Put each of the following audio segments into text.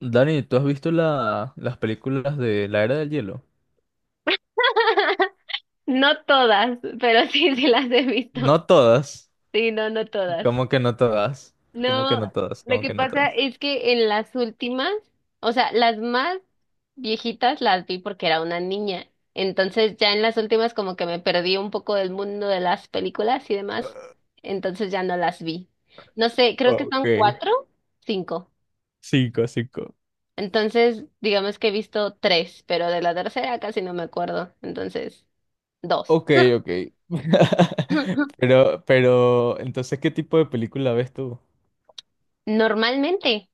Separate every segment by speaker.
Speaker 1: Dani, ¿tú has visto las películas de la Era del Hielo?
Speaker 2: No todas, pero sí, sí las he visto.
Speaker 1: No todas,
Speaker 2: Sí, no, no todas.
Speaker 1: como que no todas,
Speaker 2: No, lo
Speaker 1: como
Speaker 2: que
Speaker 1: que no
Speaker 2: pasa
Speaker 1: todas.
Speaker 2: es que en las últimas, o sea, las más viejitas las vi porque era una niña. Entonces ya en las últimas como que me perdí un poco del mundo de las películas y demás. Entonces ya no las vi. No sé, creo que
Speaker 1: Ok,
Speaker 2: son cuatro, cinco.
Speaker 1: cinco, cinco.
Speaker 2: Entonces, digamos que he visto tres, pero de la tercera casi no me acuerdo. Entonces, dos.
Speaker 1: Ok, ok. Pero, entonces, ¿qué tipo de película ves tú?
Speaker 2: Normalmente.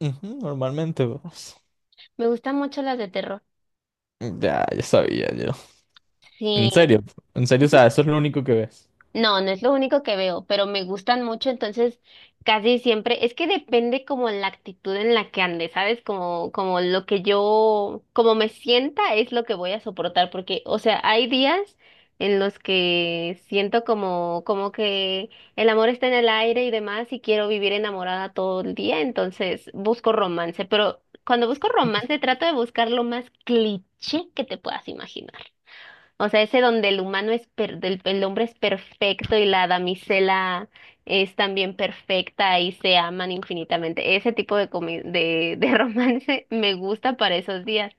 Speaker 1: Ujú, normalmente vos.
Speaker 2: Me gustan mucho las de terror.
Speaker 1: Ya, ya sabía yo. En
Speaker 2: Sí,
Speaker 1: serio, en serio, o sea, eso es lo único que ves.
Speaker 2: no, no es lo único que veo, pero me gustan mucho, entonces casi siempre, es que depende como la actitud en la que ande, ¿sabes? Como lo que yo, como me sienta es lo que voy a soportar, porque, o sea, hay días en los que siento como que el amor está en el aire y demás, y quiero vivir enamorada todo el día, entonces busco romance, pero cuando busco romance trato de buscar lo más cliché que te puedas imaginar. O sea, ese donde el hombre es perfecto y la damisela es también perfecta y se aman infinitamente. Ese tipo de romance me gusta para esos días,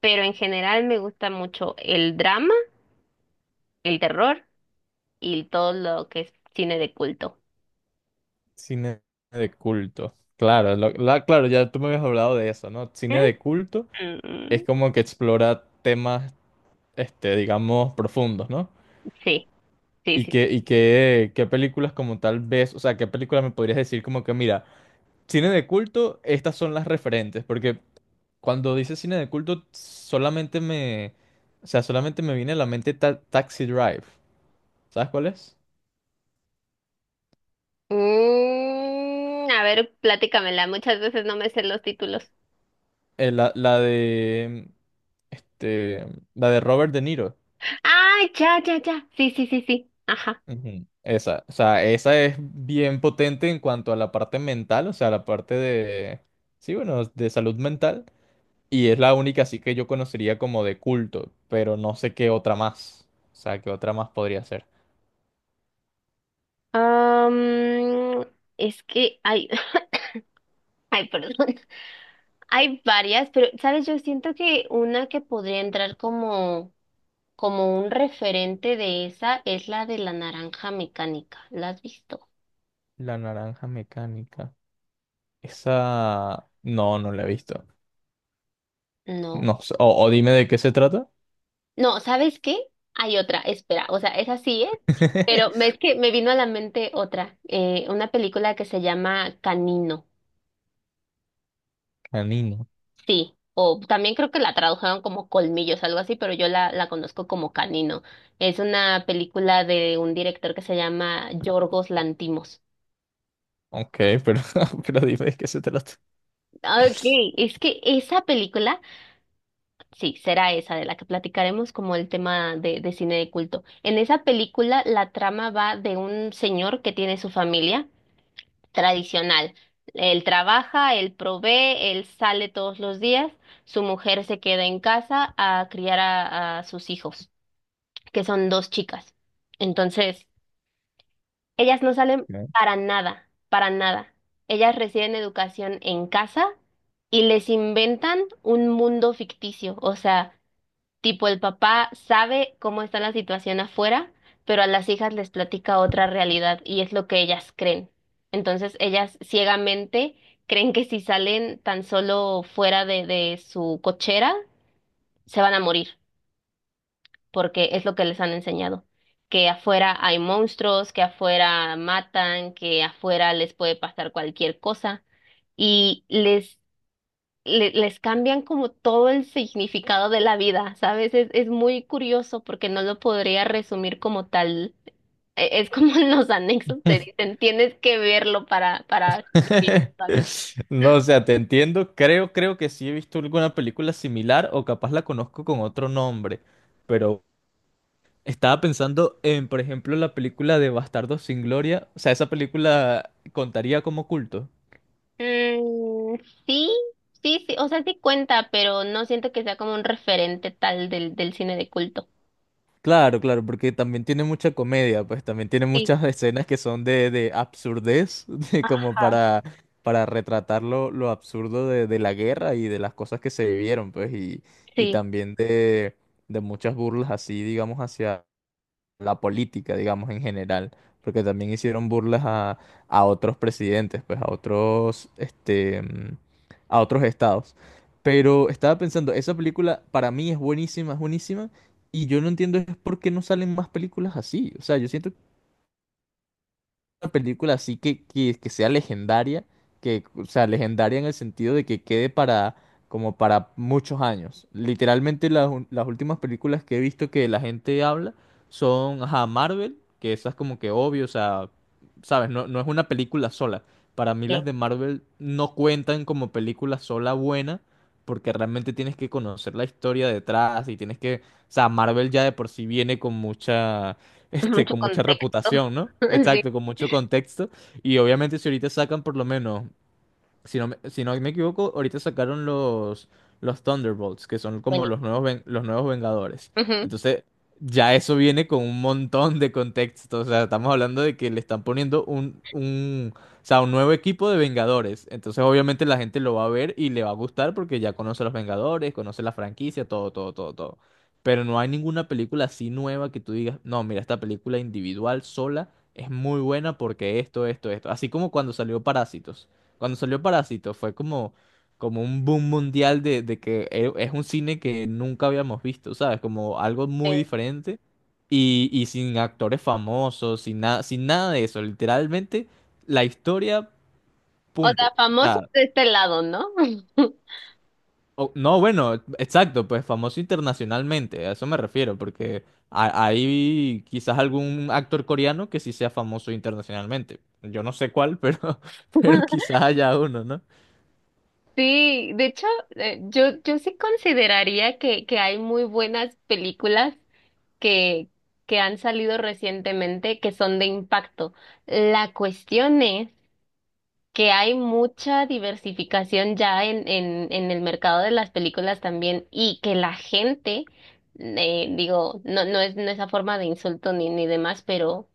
Speaker 2: pero en general me gusta mucho el drama, el terror y todo lo que es cine de culto.
Speaker 1: Cine de culto. Claro, claro, ya tú me habías hablado de eso, ¿no? Cine de culto es
Speaker 2: Mm,
Speaker 1: como que explora temas este, digamos, profundos, ¿no?
Speaker 2: sí, sí,
Speaker 1: ¿Y
Speaker 2: sí,
Speaker 1: qué,
Speaker 2: sí.
Speaker 1: qué películas como tal ves? O sea, ¿qué películas me podrías decir como que, mira, cine de culto, estas son las referentes? Porque cuando dices cine de culto, o sea, solamente me viene a la mente Taxi Drive. ¿Sabes cuál es?
Speaker 2: Mm, a ver, platícamela. Muchas veces no me sé los títulos.
Speaker 1: La de, este, la de Robert De Niro.
Speaker 2: Ah, ya, ya, ya. Sí, sí, sí, sí. Ajá.
Speaker 1: Ujú. Esa, o sea, esa es bien potente en cuanto a la parte mental, o sea, la parte de, sí, bueno, de salud mental. Y es la única así que yo conocería como de culto, pero no sé qué otra más. O sea, qué otra más podría ser.
Speaker 2: Am, es que hay, ay, perdón, hay varias, pero, ¿sabes? Yo siento que una que podría entrar como un referente de esa es la de la naranja mecánica. ¿La has visto?
Speaker 1: La naranja mecánica. Esa... No, no la he visto.
Speaker 2: No.
Speaker 1: No sé. O dime de qué se trata.
Speaker 2: No, ¿sabes qué? Hay otra, espera, o sea, esa sí es, pero es que me vino a la mente otra, una película que se llama Canino.
Speaker 1: Canino.
Speaker 2: Sí, o también creo que la tradujeron como Colmillos, algo así, pero yo la conozco como Canino. Es una película de un director que se llama Yorgos Lantimos.
Speaker 1: Ok, pero, pero dime de qué se trata.
Speaker 2: Okay, es que esa película, sí, será esa de la que platicaremos como el tema de cine de culto. En esa película la trama va de un señor que tiene su familia tradicional. Él trabaja, él provee, él sale todos los días, su mujer se queda en casa a criar a sus hijos. Que son dos chicas. Entonces, ellas no salen
Speaker 1: Ok.
Speaker 2: para nada, para nada. Ellas reciben educación en casa y les inventan un mundo ficticio. O sea, tipo el papá sabe cómo está la situación afuera, pero a las hijas les platica otra realidad y es lo que ellas creen. Entonces, ellas ciegamente creen que si salen tan solo fuera de su cochera, se van a morir. Porque es lo que les han enseñado, que afuera hay monstruos, que afuera matan, que afuera les puede pasar cualquier cosa y les cambian como todo el significado de la vida, ¿sabes? Es muy curioso porque no lo podría resumir como tal. Es como en los anexos te dicen, tienes que verlo para vivir, ¿sabes?
Speaker 1: No, o sea, te entiendo. Creo que sí he visto alguna película similar o capaz la conozco con otro nombre, pero estaba pensando en, por ejemplo, la película de Bastardos sin Gloria. O sea, esa película contaría como culto.
Speaker 2: Mm, sí, sí, sí, o sea, sí cuenta, pero no siento que sea como un referente tal del cine de culto.
Speaker 1: Claro, claro, porque también tiene mucha comedia, pues también tiene
Speaker 2: Sí.
Speaker 1: muchas escenas que son de absurdez, de como
Speaker 2: Ajá,
Speaker 1: para retratar lo absurdo de la guerra y de las cosas que se vivieron, pues, y
Speaker 2: sí,
Speaker 1: también de muchas burlas así, digamos, hacia, la política, digamos, en general, porque también hicieron burlas a otros presidentes, pues a otros, este, mm, a otros estados. Pero estaba pensando, esa película para mí es buenísima, y yo no entiendo es por qué no salen más películas así. O sea, yo siento una película así que sea legendaria, que, o sea, legendaria en el sentido de que quede para, como para muchos años. Literalmente las últimas películas que he visto que la gente habla son, ajá, Marvel, que esas como que obvio, o sea, sabes, no es una película sola. Para mí las
Speaker 2: sí.
Speaker 1: de Marvel no cuentan como película sola buena, porque realmente tienes que conocer la historia detrás y tienes que, o sea, Marvel ya de por sí viene con mucha este,
Speaker 2: Mucho
Speaker 1: con mucha
Speaker 2: contexto.
Speaker 1: reputación, ¿no?
Speaker 2: Sí,
Speaker 1: Exacto, con mucho contexto. Y obviamente si ahorita sacan por lo menos si no me equivoco, ahorita sacaron los Thunderbolts, que son como los
Speaker 2: buenísimo.
Speaker 1: nuevos, los nuevos Vengadores.
Speaker 2: Ujú,
Speaker 1: Entonces, ya eso viene con un montón de contexto. O sea, estamos hablando de que le están poniendo o sea, un nuevo equipo de Vengadores. Entonces, obviamente la gente lo va a ver y le va a gustar porque ya conoce a los Vengadores, conoce la franquicia, todo, todo, todo, todo. Pero no hay ninguna película así nueva que tú digas, no, mira, esta película individual, sola, es muy buena porque esto, esto, esto. Así como cuando salió Parásitos. Cuando salió Parásito fue como, como un boom mundial de que es un cine que nunca habíamos visto, ¿sabes? Como algo muy
Speaker 2: sí.
Speaker 1: diferente y sin actores famosos, sin nada, sin nada de eso. Literalmente la historia,
Speaker 2: O
Speaker 1: punto.
Speaker 2: sea,
Speaker 1: O
Speaker 2: famosos
Speaker 1: sea,
Speaker 2: de este lado, ¿no?
Speaker 1: no, bueno, exacto, pues famoso internacionalmente, a eso me refiero, porque hay quizás algún actor coreano que sí sea famoso internacionalmente. Yo no sé cuál, pero, pero quizás haya uno, ¿no?
Speaker 2: Sí, de hecho, yo sí consideraría que hay muy buenas películas que, que han salido recientemente que son de impacto. La cuestión es que hay mucha diversificación ya en el mercado de las películas también y que la gente, digo, no, no es a forma de insulto ni demás, pero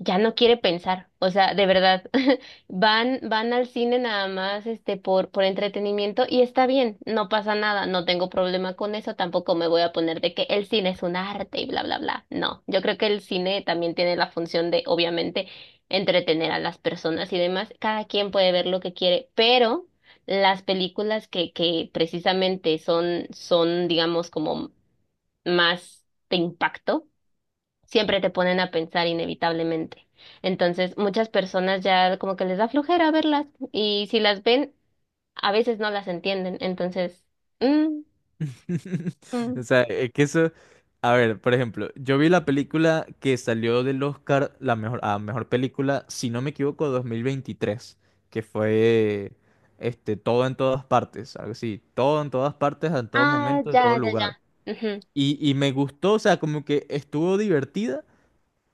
Speaker 2: ya no quiere pensar, o sea, de verdad, van al cine nada más, este, por entretenimiento y está bien, no pasa nada, no tengo problema con eso, tampoco me voy a poner de que el cine es un arte y bla, bla, bla. No, yo creo que el cine también tiene la función de, obviamente, entretener a las personas y demás, cada quien puede ver lo que quiere, pero las películas que precisamente son, digamos, como más de impacto siempre te ponen a pensar inevitablemente. Entonces, muchas personas ya como que les da flojera verlas y si las ven, a veces no las entienden. Entonces, mm, mm.
Speaker 1: O sea, es que eso. A ver, por ejemplo, yo vi la película que salió del Oscar, la mejor, a mejor película, si no me equivoco, 2023 que fue este, todo en todas partes, algo así, todo en todas partes, en todo
Speaker 2: Ah,
Speaker 1: momento, en
Speaker 2: ya,
Speaker 1: todo
Speaker 2: ya, ya.
Speaker 1: lugar.
Speaker 2: Ujú.
Speaker 1: Y me gustó, o sea, como que estuvo divertida,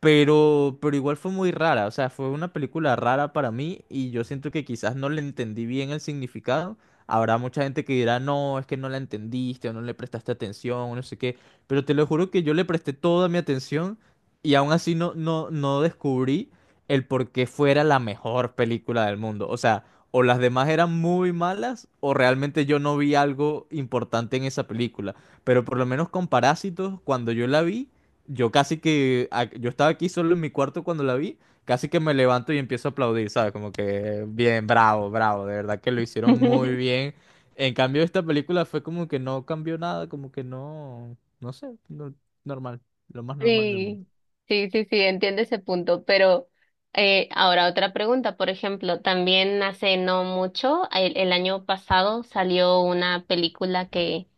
Speaker 1: pero igual fue muy rara, o sea, fue una película rara para mí y yo siento que quizás no le entendí bien el significado. Habrá mucha gente que dirá, no, es que no la entendiste o no le prestaste atención o no sé qué, pero te lo juro que yo le presté toda mi atención y aún así no descubrí el por qué fuera la mejor película del mundo. O sea, o las demás eran muy malas o realmente yo no vi algo importante en esa película. Pero por lo menos con Parásitos, cuando yo la vi... Yo casi que, yo estaba aquí solo en mi cuarto cuando la vi, casi que me levanto y empiezo a aplaudir, ¿sabes? Como que bien, bravo, bravo, de verdad que lo hicieron muy bien. En cambio, esta película fue como que no cambió nada, como que no, no sé, no- normal, lo más normal del mundo.
Speaker 2: Sí, sí, sí, sí, entiendo ese punto, pero ahora otra pregunta, por ejemplo, también hace no mucho, el año pasado salió una película que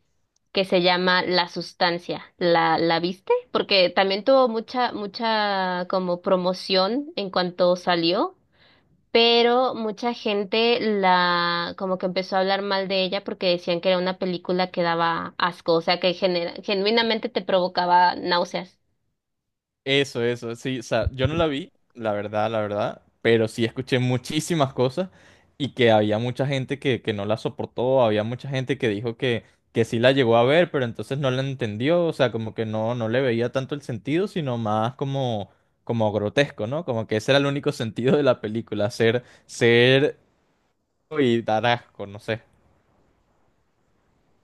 Speaker 2: que se llama La Sustancia. ¿La viste? Porque también tuvo mucha como promoción en cuanto salió, pero mucha gente la como que empezó a hablar mal de ella porque decían que era una película que daba asco, o sea que genuinamente te provocaba náuseas.
Speaker 1: Eso, sí, o sea, yo no la vi, la verdad, pero sí escuché muchísimas cosas y que había mucha gente que no la soportó, había mucha gente que dijo que sí la llegó a ver, pero entonces no la entendió, o sea, como que no, no le veía tanto el sentido, sino más como, como grotesco, ¿no? Como que ese era el único sentido de la película, ser, ser y dar asco, no sé.